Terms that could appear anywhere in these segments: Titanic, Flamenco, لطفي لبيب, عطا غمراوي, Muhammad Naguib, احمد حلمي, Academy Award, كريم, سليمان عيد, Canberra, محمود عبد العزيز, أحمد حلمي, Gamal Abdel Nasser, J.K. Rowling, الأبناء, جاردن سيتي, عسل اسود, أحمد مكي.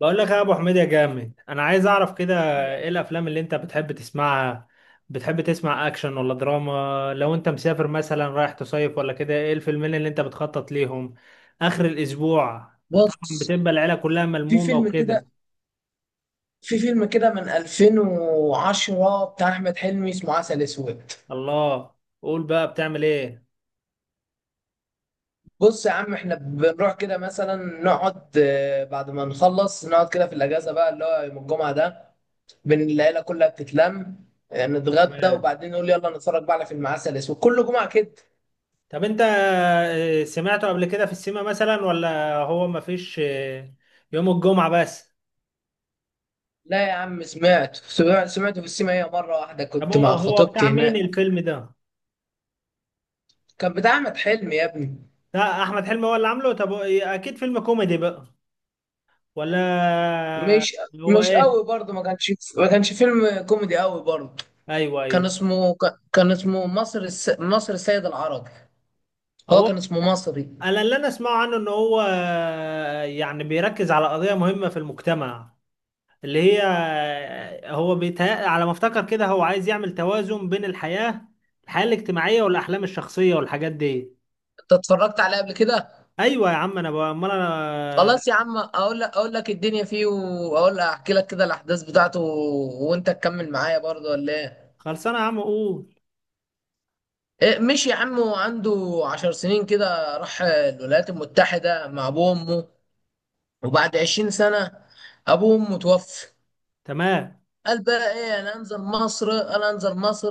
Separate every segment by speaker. Speaker 1: بقول لك يا ابو حميد يا جامد، انا عايز اعرف كده ايه الافلام اللي انت بتحب تسمعها. بتحب تسمع اكشن ولا دراما؟ لو انت مسافر مثلا رايح تصيف ولا كده، ايه الفيلمين اللي انت بتخطط ليهم اخر الاسبوع؟ طبعا
Speaker 2: بص.
Speaker 1: بتبقى العيله كلها
Speaker 2: في
Speaker 1: ملمومه
Speaker 2: فيلم كده
Speaker 1: وكده.
Speaker 2: في فيلم كده من 2010 بتاع احمد حلمي اسمه عسل اسود.
Speaker 1: الله، قول بقى بتعمل ايه.
Speaker 2: بص يا عم احنا بنروح كده مثلا نقعد آه، بعد ما نخلص نقعد كده في الاجازه بقى اللي هو يوم الجمعه ده بين العيله كلها بتتلم. نتغدى
Speaker 1: تمام.
Speaker 2: وبعدين نقول يلا نتفرج بقى على فيلم عسل اسود كل جمعه كده.
Speaker 1: طب انت سمعته قبل كده في السينما مثلا ولا هو مفيش، يوم الجمعه بس؟
Speaker 2: لا يا عم سمعته في السينما هي مره واحده
Speaker 1: طب
Speaker 2: كنت مع
Speaker 1: هو بتاع
Speaker 2: خطيبتي
Speaker 1: مين
Speaker 2: هناك.
Speaker 1: الفيلم ده؟
Speaker 2: كان بتاع احمد حلمي يا ابني.
Speaker 1: لا، احمد حلمي هو اللي عامله. طب هو اكيد فيلم كوميدي بقى ولا؟
Speaker 2: مش
Speaker 1: هو
Speaker 2: مش
Speaker 1: ايه؟
Speaker 2: قوي برضه، ما كانش فيلم كوميدي قوي برضه.
Speaker 1: ايوه،
Speaker 2: كان
Speaker 1: ايوه.
Speaker 2: اسمه مصر السيد العربي. هو
Speaker 1: هو
Speaker 2: كان اسمه مصري.
Speaker 1: انا اللي انا اسمعه عنه ان هو يعني بيركز على قضية مهمة في المجتمع، اللي هي هو بيتهيأ على ما افتكر كده هو عايز يعمل توازن بين الحياة الاجتماعية والاحلام الشخصية والحاجات دي.
Speaker 2: انت اتفرجت عليه قبل كده؟
Speaker 1: ايوه يا عم انا بقى، امال انا.
Speaker 2: خلاص يا عم اقول لك الدنيا فيه، واقول لك احكي لك كده الاحداث بتاعته وانت تكمل معايا برضه ولا ايه؟
Speaker 1: خلصانه يا عم قول.
Speaker 2: مش يا عم، وعنده 10 سنين كده راح الولايات المتحدة مع ابوه وامه، وبعد 20 سنة ابوه وامه توفى.
Speaker 1: تمام.
Speaker 2: قال بقى ايه؟ انا انزل مصر، انا انزل مصر.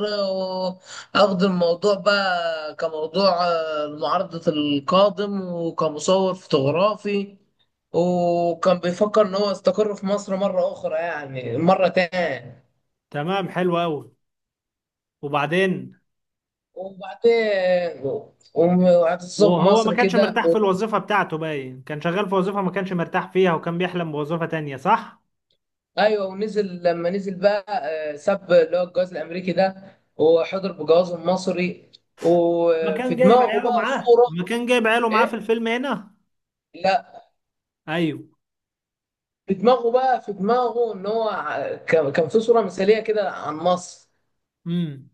Speaker 2: واخد الموضوع بقى كموضوع معارضة القادم وكمصور فوتوغرافي، وكان بيفكر ان هو يستقر في مصر مرة اخرى يعني مرة تاني.
Speaker 1: تمام، حلو قوي. وبعدين.
Speaker 2: وبعدين وهتصب
Speaker 1: وهو ما
Speaker 2: مصر
Speaker 1: كانش
Speaker 2: كده
Speaker 1: مرتاح في الوظيفة بتاعته، باين كان شغال في وظيفة ما كانش مرتاح فيها، وكان بيحلم بوظيفة تانية صح؟
Speaker 2: ايوه. ونزل لما نزل بقى، ساب اللي هو الجواز الامريكي ده وحضر بجوازه المصري،
Speaker 1: ما كان
Speaker 2: وفي
Speaker 1: جايب
Speaker 2: دماغه
Speaker 1: عياله
Speaker 2: بقى
Speaker 1: معاه،
Speaker 2: صورة.
Speaker 1: ما كان جايب عياله معاه في
Speaker 2: ايه؟
Speaker 1: الفيلم هنا؟
Speaker 2: لا.
Speaker 1: ايوه.
Speaker 2: في دماغه ان هو كان في صوره مثاليه كده عن مصر.
Speaker 1: امم.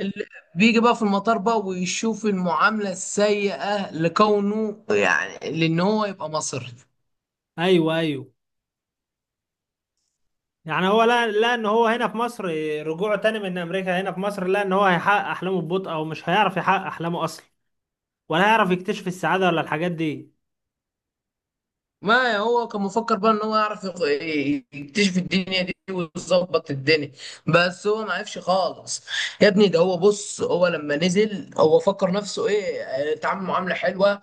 Speaker 2: اللي بيجي بقى في المطار بقى ويشوف المعامله السيئه لكونه يعني لان هو يبقى مصري.
Speaker 1: ايوه، ايوه. يعني هو، لا لا، ان هو هنا في مصر، رجوعه تاني من امريكا هنا في مصر، لا ان هو هيحقق احلامه ببطء او مش هيعرف يحقق احلامه اصلا، ولا هيعرف يكتشف السعادة ولا الحاجات دي.
Speaker 2: ما هو كان مفكر بقى ان هو يعرف يكتشف الدنيا دي ويظبط الدنيا، بس هو ما عرفش خالص. يا ابني ده هو، بص هو لما نزل هو فكر نفسه ايه؟ اتعامل معامله حلوه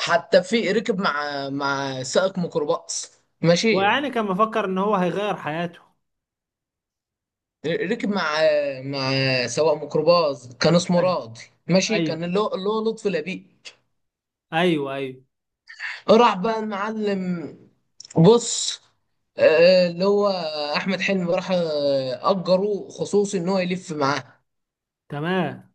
Speaker 2: حتى. في ركب مع سائق ميكروباص، ماشي.
Speaker 1: ويعني كان مفكر ان هو هيغير حياته.
Speaker 2: ركب مع مع سواق ميكروباص كان اسمه
Speaker 1: ايوه
Speaker 2: راضي، ماشي،
Speaker 1: ايوه
Speaker 2: كان اللي هو لطفي لبيب.
Speaker 1: ايوه ايوه.
Speaker 2: راح بقى المعلم. بص. اللي هو احمد حلمي راح اجروه خصوصي ان هو يلف معاه،
Speaker 1: تمام،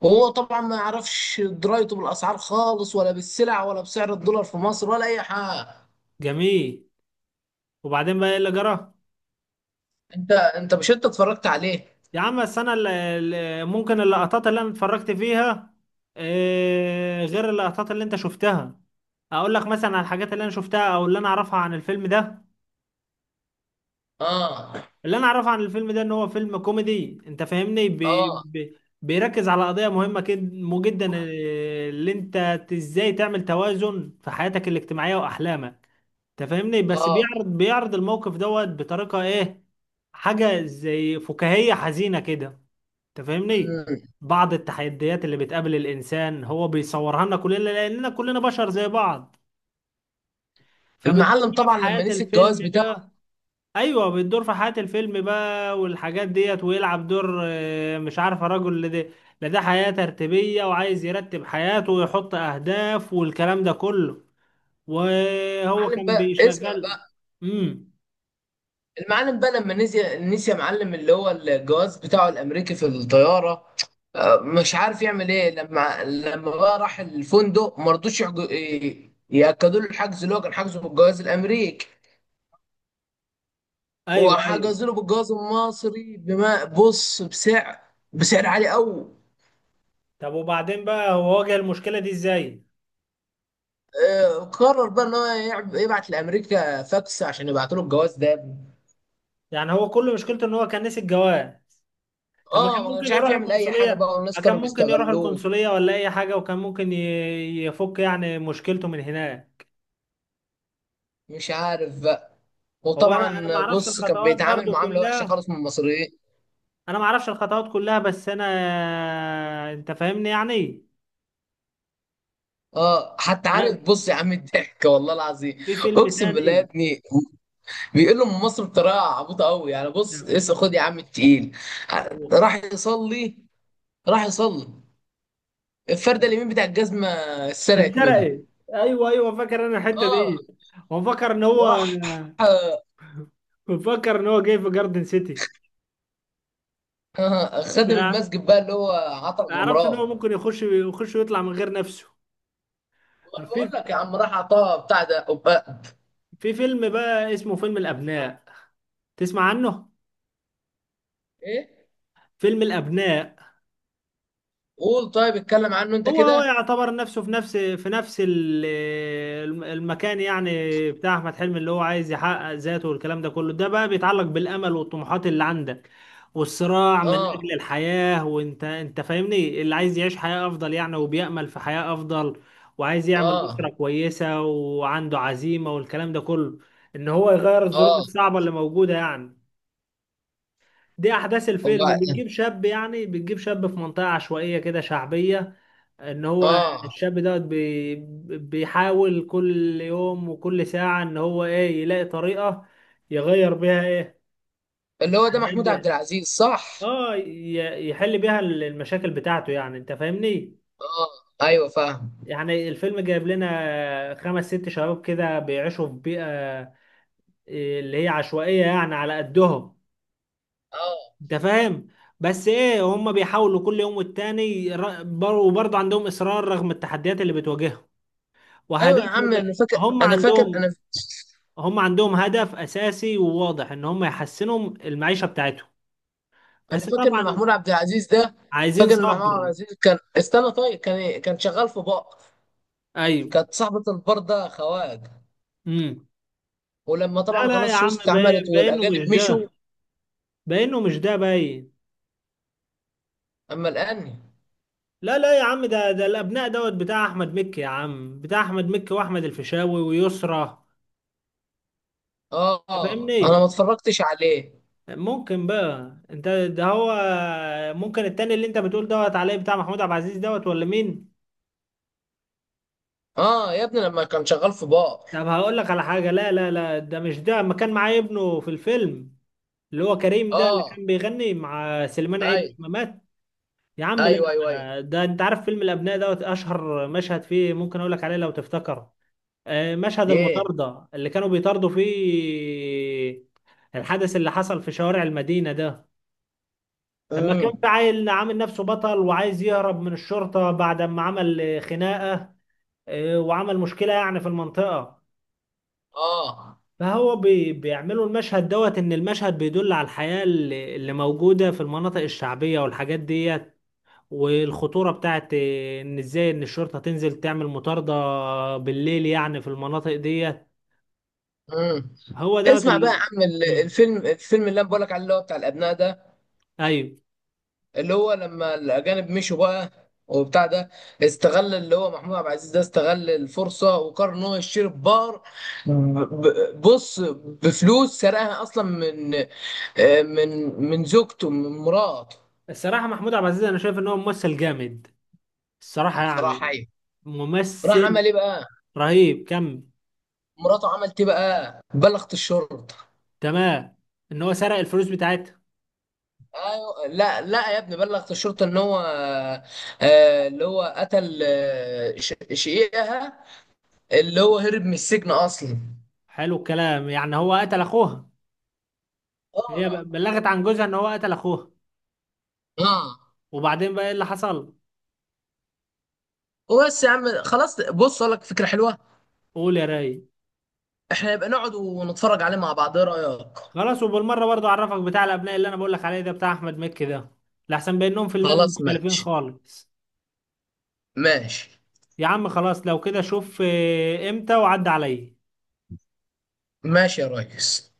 Speaker 2: وهو طبعا ما يعرفش درايته بالاسعار خالص ولا بالسلع ولا بسعر الدولار في مصر ولا اي حاجه.
Speaker 1: جميل. وبعدين بقى ايه اللي جرى؟
Speaker 2: انت مش، انت اتفرجت عليه؟
Speaker 1: يا عم بس انا ممكن اللقطات اللي انا اتفرجت فيها، غير اللقطات اللي انت شفتها. اقول لك مثلا على الحاجات اللي انا شفتها او اللي انا اعرفها عن الفيلم ده.
Speaker 2: اه.
Speaker 1: اللي انا اعرفه عن الفيلم ده ان هو فيلم كوميدي، انت فاهمني. بي
Speaker 2: اه.
Speaker 1: بي بيركز على قضية مهمة مو جدا، اللي انت ازاي تعمل توازن في حياتك الاجتماعية واحلامك. انت فاهمني. بس
Speaker 2: اه.
Speaker 1: بيعرض الموقف دوت بطريقة ايه؟ حاجة زي فكاهية حزينة كده، انت فاهمني.
Speaker 2: مم.
Speaker 1: بعض التحديات اللي بتقابل الانسان هو بيصورها لنا كلنا، لاننا كلنا بشر زي بعض. فبتدور
Speaker 2: المعلم
Speaker 1: بقى في
Speaker 2: طبعا لما
Speaker 1: حياة
Speaker 2: نسي الجواز
Speaker 1: الفيلم
Speaker 2: بتاعه.
Speaker 1: بقى. ايوه، بتدور في حياة الفيلم بقى والحاجات ديت، ويلعب دور، مش عارفه رجل، لا ده، لا ده حياة ترتيبية وعايز يرتب حياته ويحط اهداف والكلام ده كله. وهو
Speaker 2: المعلم
Speaker 1: كان
Speaker 2: بقى اسمع.
Speaker 1: بيشغل. امم.
Speaker 2: المعلم بقى لما نسي يا معلم اللي هو الجواز بتاعه الامريكي في الطياره. مش عارف يعمل ايه، لما بقى راح الفندق ما رضوش ياكدوا له الحجز اللي هو كان حاجزه بالجواز الامريكي،
Speaker 1: ايوه، ايوه.
Speaker 2: وحجزوا له بالجواز المصري بما بص بسعر عالي قوي.
Speaker 1: طب وبعدين بقى هو واجه المشكلة دي ازاي؟
Speaker 2: قرر بقى ان هو يبعت لامريكا فاكس عشان يبعتوا له الجواز ده.
Speaker 1: يعني هو كل مشكلته ان هو كان نسي الجواز. طب ما
Speaker 2: اه،
Speaker 1: كان
Speaker 2: ما كانش
Speaker 1: ممكن
Speaker 2: عارف
Speaker 1: يروح
Speaker 2: يعمل اي حاجه
Speaker 1: القنصلية،
Speaker 2: بقى، والناس
Speaker 1: ما كان
Speaker 2: كانوا
Speaker 1: ممكن يروح
Speaker 2: بيستغلوه.
Speaker 1: القنصلية ولا أي حاجة وكان ممكن يفك يعني مشكلته من هناك.
Speaker 2: مش عارف.
Speaker 1: هو أنا ما
Speaker 2: وطبعا
Speaker 1: أعرفش
Speaker 2: بص كان
Speaker 1: الخطوات
Speaker 2: بيتعامل
Speaker 1: برضو
Speaker 2: معامله وحشه
Speaker 1: كلها.
Speaker 2: خالص من المصريين.
Speaker 1: أنا ما أعرفش الخطوات كلها بس أنا، أنت فاهمني يعني.
Speaker 2: اه، حتى عارف،
Speaker 1: أنا
Speaker 2: بص يا عم الضحك والله العظيم.
Speaker 1: في فيلم
Speaker 2: اقسم بالله يا
Speaker 1: تاني.
Speaker 2: ابني، بيقول له من مصر بطريقه عبيطه قوي، يعني بص اسا خد يا عم التقيل. راح يصلي، راح يصلي. الفرده اليمين بتاع الجزمه اتسرقت منه.
Speaker 1: اتسرقت. أيوه أيوه، فاكر أنا الحتة
Speaker 2: اه.
Speaker 1: دي. وفكر إن هو.
Speaker 2: وراح. آه
Speaker 1: وفكر إن هو جاي في جاردن سيتي.
Speaker 2: خادم
Speaker 1: أنا
Speaker 2: المسجد بقى اللي هو عطا
Speaker 1: ما أعرفش إن هو
Speaker 2: غمراوي.
Speaker 1: ممكن يخش ويطلع من غير نفسه.
Speaker 2: انا
Speaker 1: في
Speaker 2: بقول لك يا عم راح عطاه بتاع ده
Speaker 1: في فيلم بقى اسمه فيلم الأبناء، تسمع عنه؟
Speaker 2: ايه.
Speaker 1: فيلم الأبناء.
Speaker 2: قول طيب، اتكلم عنه انت
Speaker 1: هو
Speaker 2: كده.
Speaker 1: يعتبر نفسه في نفس المكان يعني، بتاع أحمد حلمي، اللي هو عايز يحقق ذاته والكلام ده كله. ده بقى بيتعلق بالأمل والطموحات اللي عندك والصراع من
Speaker 2: اه.
Speaker 1: أجل الحياة، وأنت فاهمني، اللي عايز يعيش حياة أفضل يعني، وبيأمل في حياة أفضل، وعايز يعمل
Speaker 2: اه.
Speaker 1: أسرة كويسة وعنده عزيمة والكلام ده كله، إن هو يغير الظروف
Speaker 2: اه.
Speaker 1: الصعبة اللي موجودة يعني. دي احداث الفيلم.
Speaker 2: هو
Speaker 1: بتجيب شاب يعني، بتجيب شاب في منطقة عشوائية كده شعبية، ان هو
Speaker 2: اه
Speaker 1: الشاب دوت بي بيحاول كل يوم وكل ساعة ان هو ايه، يلاقي طريقة يغير بيها ايه،
Speaker 2: اللي هو ده
Speaker 1: حاجات
Speaker 2: محمود عبد
Speaker 1: بقى.
Speaker 2: العزيز صح؟
Speaker 1: اه، يحل بيها المشاكل بتاعته يعني، انت فاهمني.
Speaker 2: اه. ايوه فاهم.
Speaker 1: يعني الفيلم جايب لنا خمس ست شباب كده بيعيشوا في بيئة، اللي هي عشوائية يعني على قدهم،
Speaker 2: اه.
Speaker 1: انت فاهم. بس ايه، هم بيحاولوا كل يوم والتاني وبرضه عندهم اصرار رغم التحديات اللي بتواجههم
Speaker 2: ايوه يا
Speaker 1: وهدفهم.
Speaker 2: عم انا فاكر.
Speaker 1: هم
Speaker 2: انا فاكر انا.
Speaker 1: عندهم هم عندهم هدف اساسي وواضح ان هم يحسنوا المعيشه بتاعتهم.
Speaker 2: انا
Speaker 1: بس
Speaker 2: فاكر ان
Speaker 1: طبعا
Speaker 2: محمود عبد العزيز ده.
Speaker 1: عايزين
Speaker 2: فاكر ان محمود عبد
Speaker 1: صبر.
Speaker 2: العزيز كان استنى، طيب كان إيه؟ كان شغال في بار.
Speaker 1: ايوه.
Speaker 2: كانت صاحبة البار ده خواج.
Speaker 1: امم.
Speaker 2: ولما
Speaker 1: لا
Speaker 2: طبعا
Speaker 1: لا
Speaker 2: قناة
Speaker 1: يا عم،
Speaker 2: السويس اتعملت
Speaker 1: باينه مش
Speaker 2: والاجانب
Speaker 1: ده،
Speaker 2: مشوا.
Speaker 1: باينه مش ده، باين.
Speaker 2: اما الان.
Speaker 1: لا لا يا عم، ده الابناء دوت بتاع احمد مكي يا عم، بتاع احمد مكي واحمد الفيشاوي ويسرى،
Speaker 2: اه.
Speaker 1: انت
Speaker 2: انا ما
Speaker 1: فاهمني.
Speaker 2: اتفرجتش عليه.
Speaker 1: ممكن بقى انت ده هو. ممكن التاني اللي انت بتقول دوت عليه بتاع محمود عبد العزيز دوت ولا مين؟
Speaker 2: اه يا ابني لما كان شغال في بار.
Speaker 1: طب هقول لك على حاجة. لا لا لا ده مش ده. ما كان معاه ابنه في الفيلم، اللي هو كريم ده اللي
Speaker 2: اه.
Speaker 1: كان بيغني مع سليمان عيد
Speaker 2: ايوه،
Speaker 1: لما مات. يا عم لا.
Speaker 2: ايوه، ايوه. ايوه.
Speaker 1: ده انت عارف فيلم الابناء دوت، اشهر مشهد فيه ممكن اقول لك عليه لو تفتكر. مشهد
Speaker 2: ليه.
Speaker 1: المطاردة اللي كانوا بيطاردوا فيه. الحدث اللي حصل في شوارع المدينة ده، لما كنت
Speaker 2: امم.
Speaker 1: عيل عامل نفسه بطل وعايز يهرب من الشرطة بعد ما عمل خناقة، وعمل مشكلة يعني في المنطقة.
Speaker 2: اه.
Speaker 1: فهو بي بيعملوا المشهد دوت، إن المشهد بيدل على الحياة اللي موجودة في المناطق الشعبية والحاجات ديت، والخطورة بتاعت، إن إزاي إن الشرطة تنزل تعمل مطاردة بالليل يعني في المناطق ديت.
Speaker 2: امم.
Speaker 1: هو دوت
Speaker 2: اسمع بقى يا
Speaker 1: اللي.
Speaker 2: عم
Speaker 1: مم.
Speaker 2: الفيلم اللي انا بقولك عليه اللي هو بتاع الابناء ده،
Speaker 1: أيوه.
Speaker 2: اللي هو لما الاجانب مشوا بقى وبتاع ده، استغل اللي هو محمود عبد العزيز ده استغل الفرصه وقرر ان هو يشتري بار. بص، بفلوس سرقها اصلا من من زوجته، من مراته.
Speaker 1: الصراحة محمود عبد العزيز أنا شايف إن هو ممثل جامد، الصراحة
Speaker 2: بصراحه
Speaker 1: يعني.
Speaker 2: ايوه. راح عمل
Speaker 1: ممثل
Speaker 2: ايه بقى؟
Speaker 1: رهيب. كمل.
Speaker 2: مراته عملت ايه بقى؟ بلغت الشرطه.
Speaker 1: تمام، ان هو سرق الفلوس بتاعتها.
Speaker 2: ايوه، لا لا يا ابني بلغت الشرطه ان هو اللي هو قتل شقيقها اللي هو هرب من السجن اصلا.
Speaker 1: حلو الكلام. يعني هو قتل اخوها. هي
Speaker 2: اه.
Speaker 1: بلغت عن جوزها ان هو قتل اخوها.
Speaker 2: اه.
Speaker 1: وبعدين بقى ايه اللي حصل؟
Speaker 2: وبس يا عم خلاص، بص اقول لك فكره حلوه.
Speaker 1: قول يا راي.
Speaker 2: احنا نبقى نقعد ونتفرج عليه مع بعض، ايه رايك؟
Speaker 1: خلاص، وبالمره برضو اعرفك بتاع الابناء اللي انا بقول لك عليه ده، بتاع احمد مكي ده، لحسن بينهم فيلمين
Speaker 2: خلاص
Speaker 1: مختلفين
Speaker 2: ماشي.
Speaker 1: خالص.
Speaker 2: ماشي.
Speaker 1: يا عم خلاص، لو كده شوف امتى وعد عليا.
Speaker 2: ماشي يا ريس.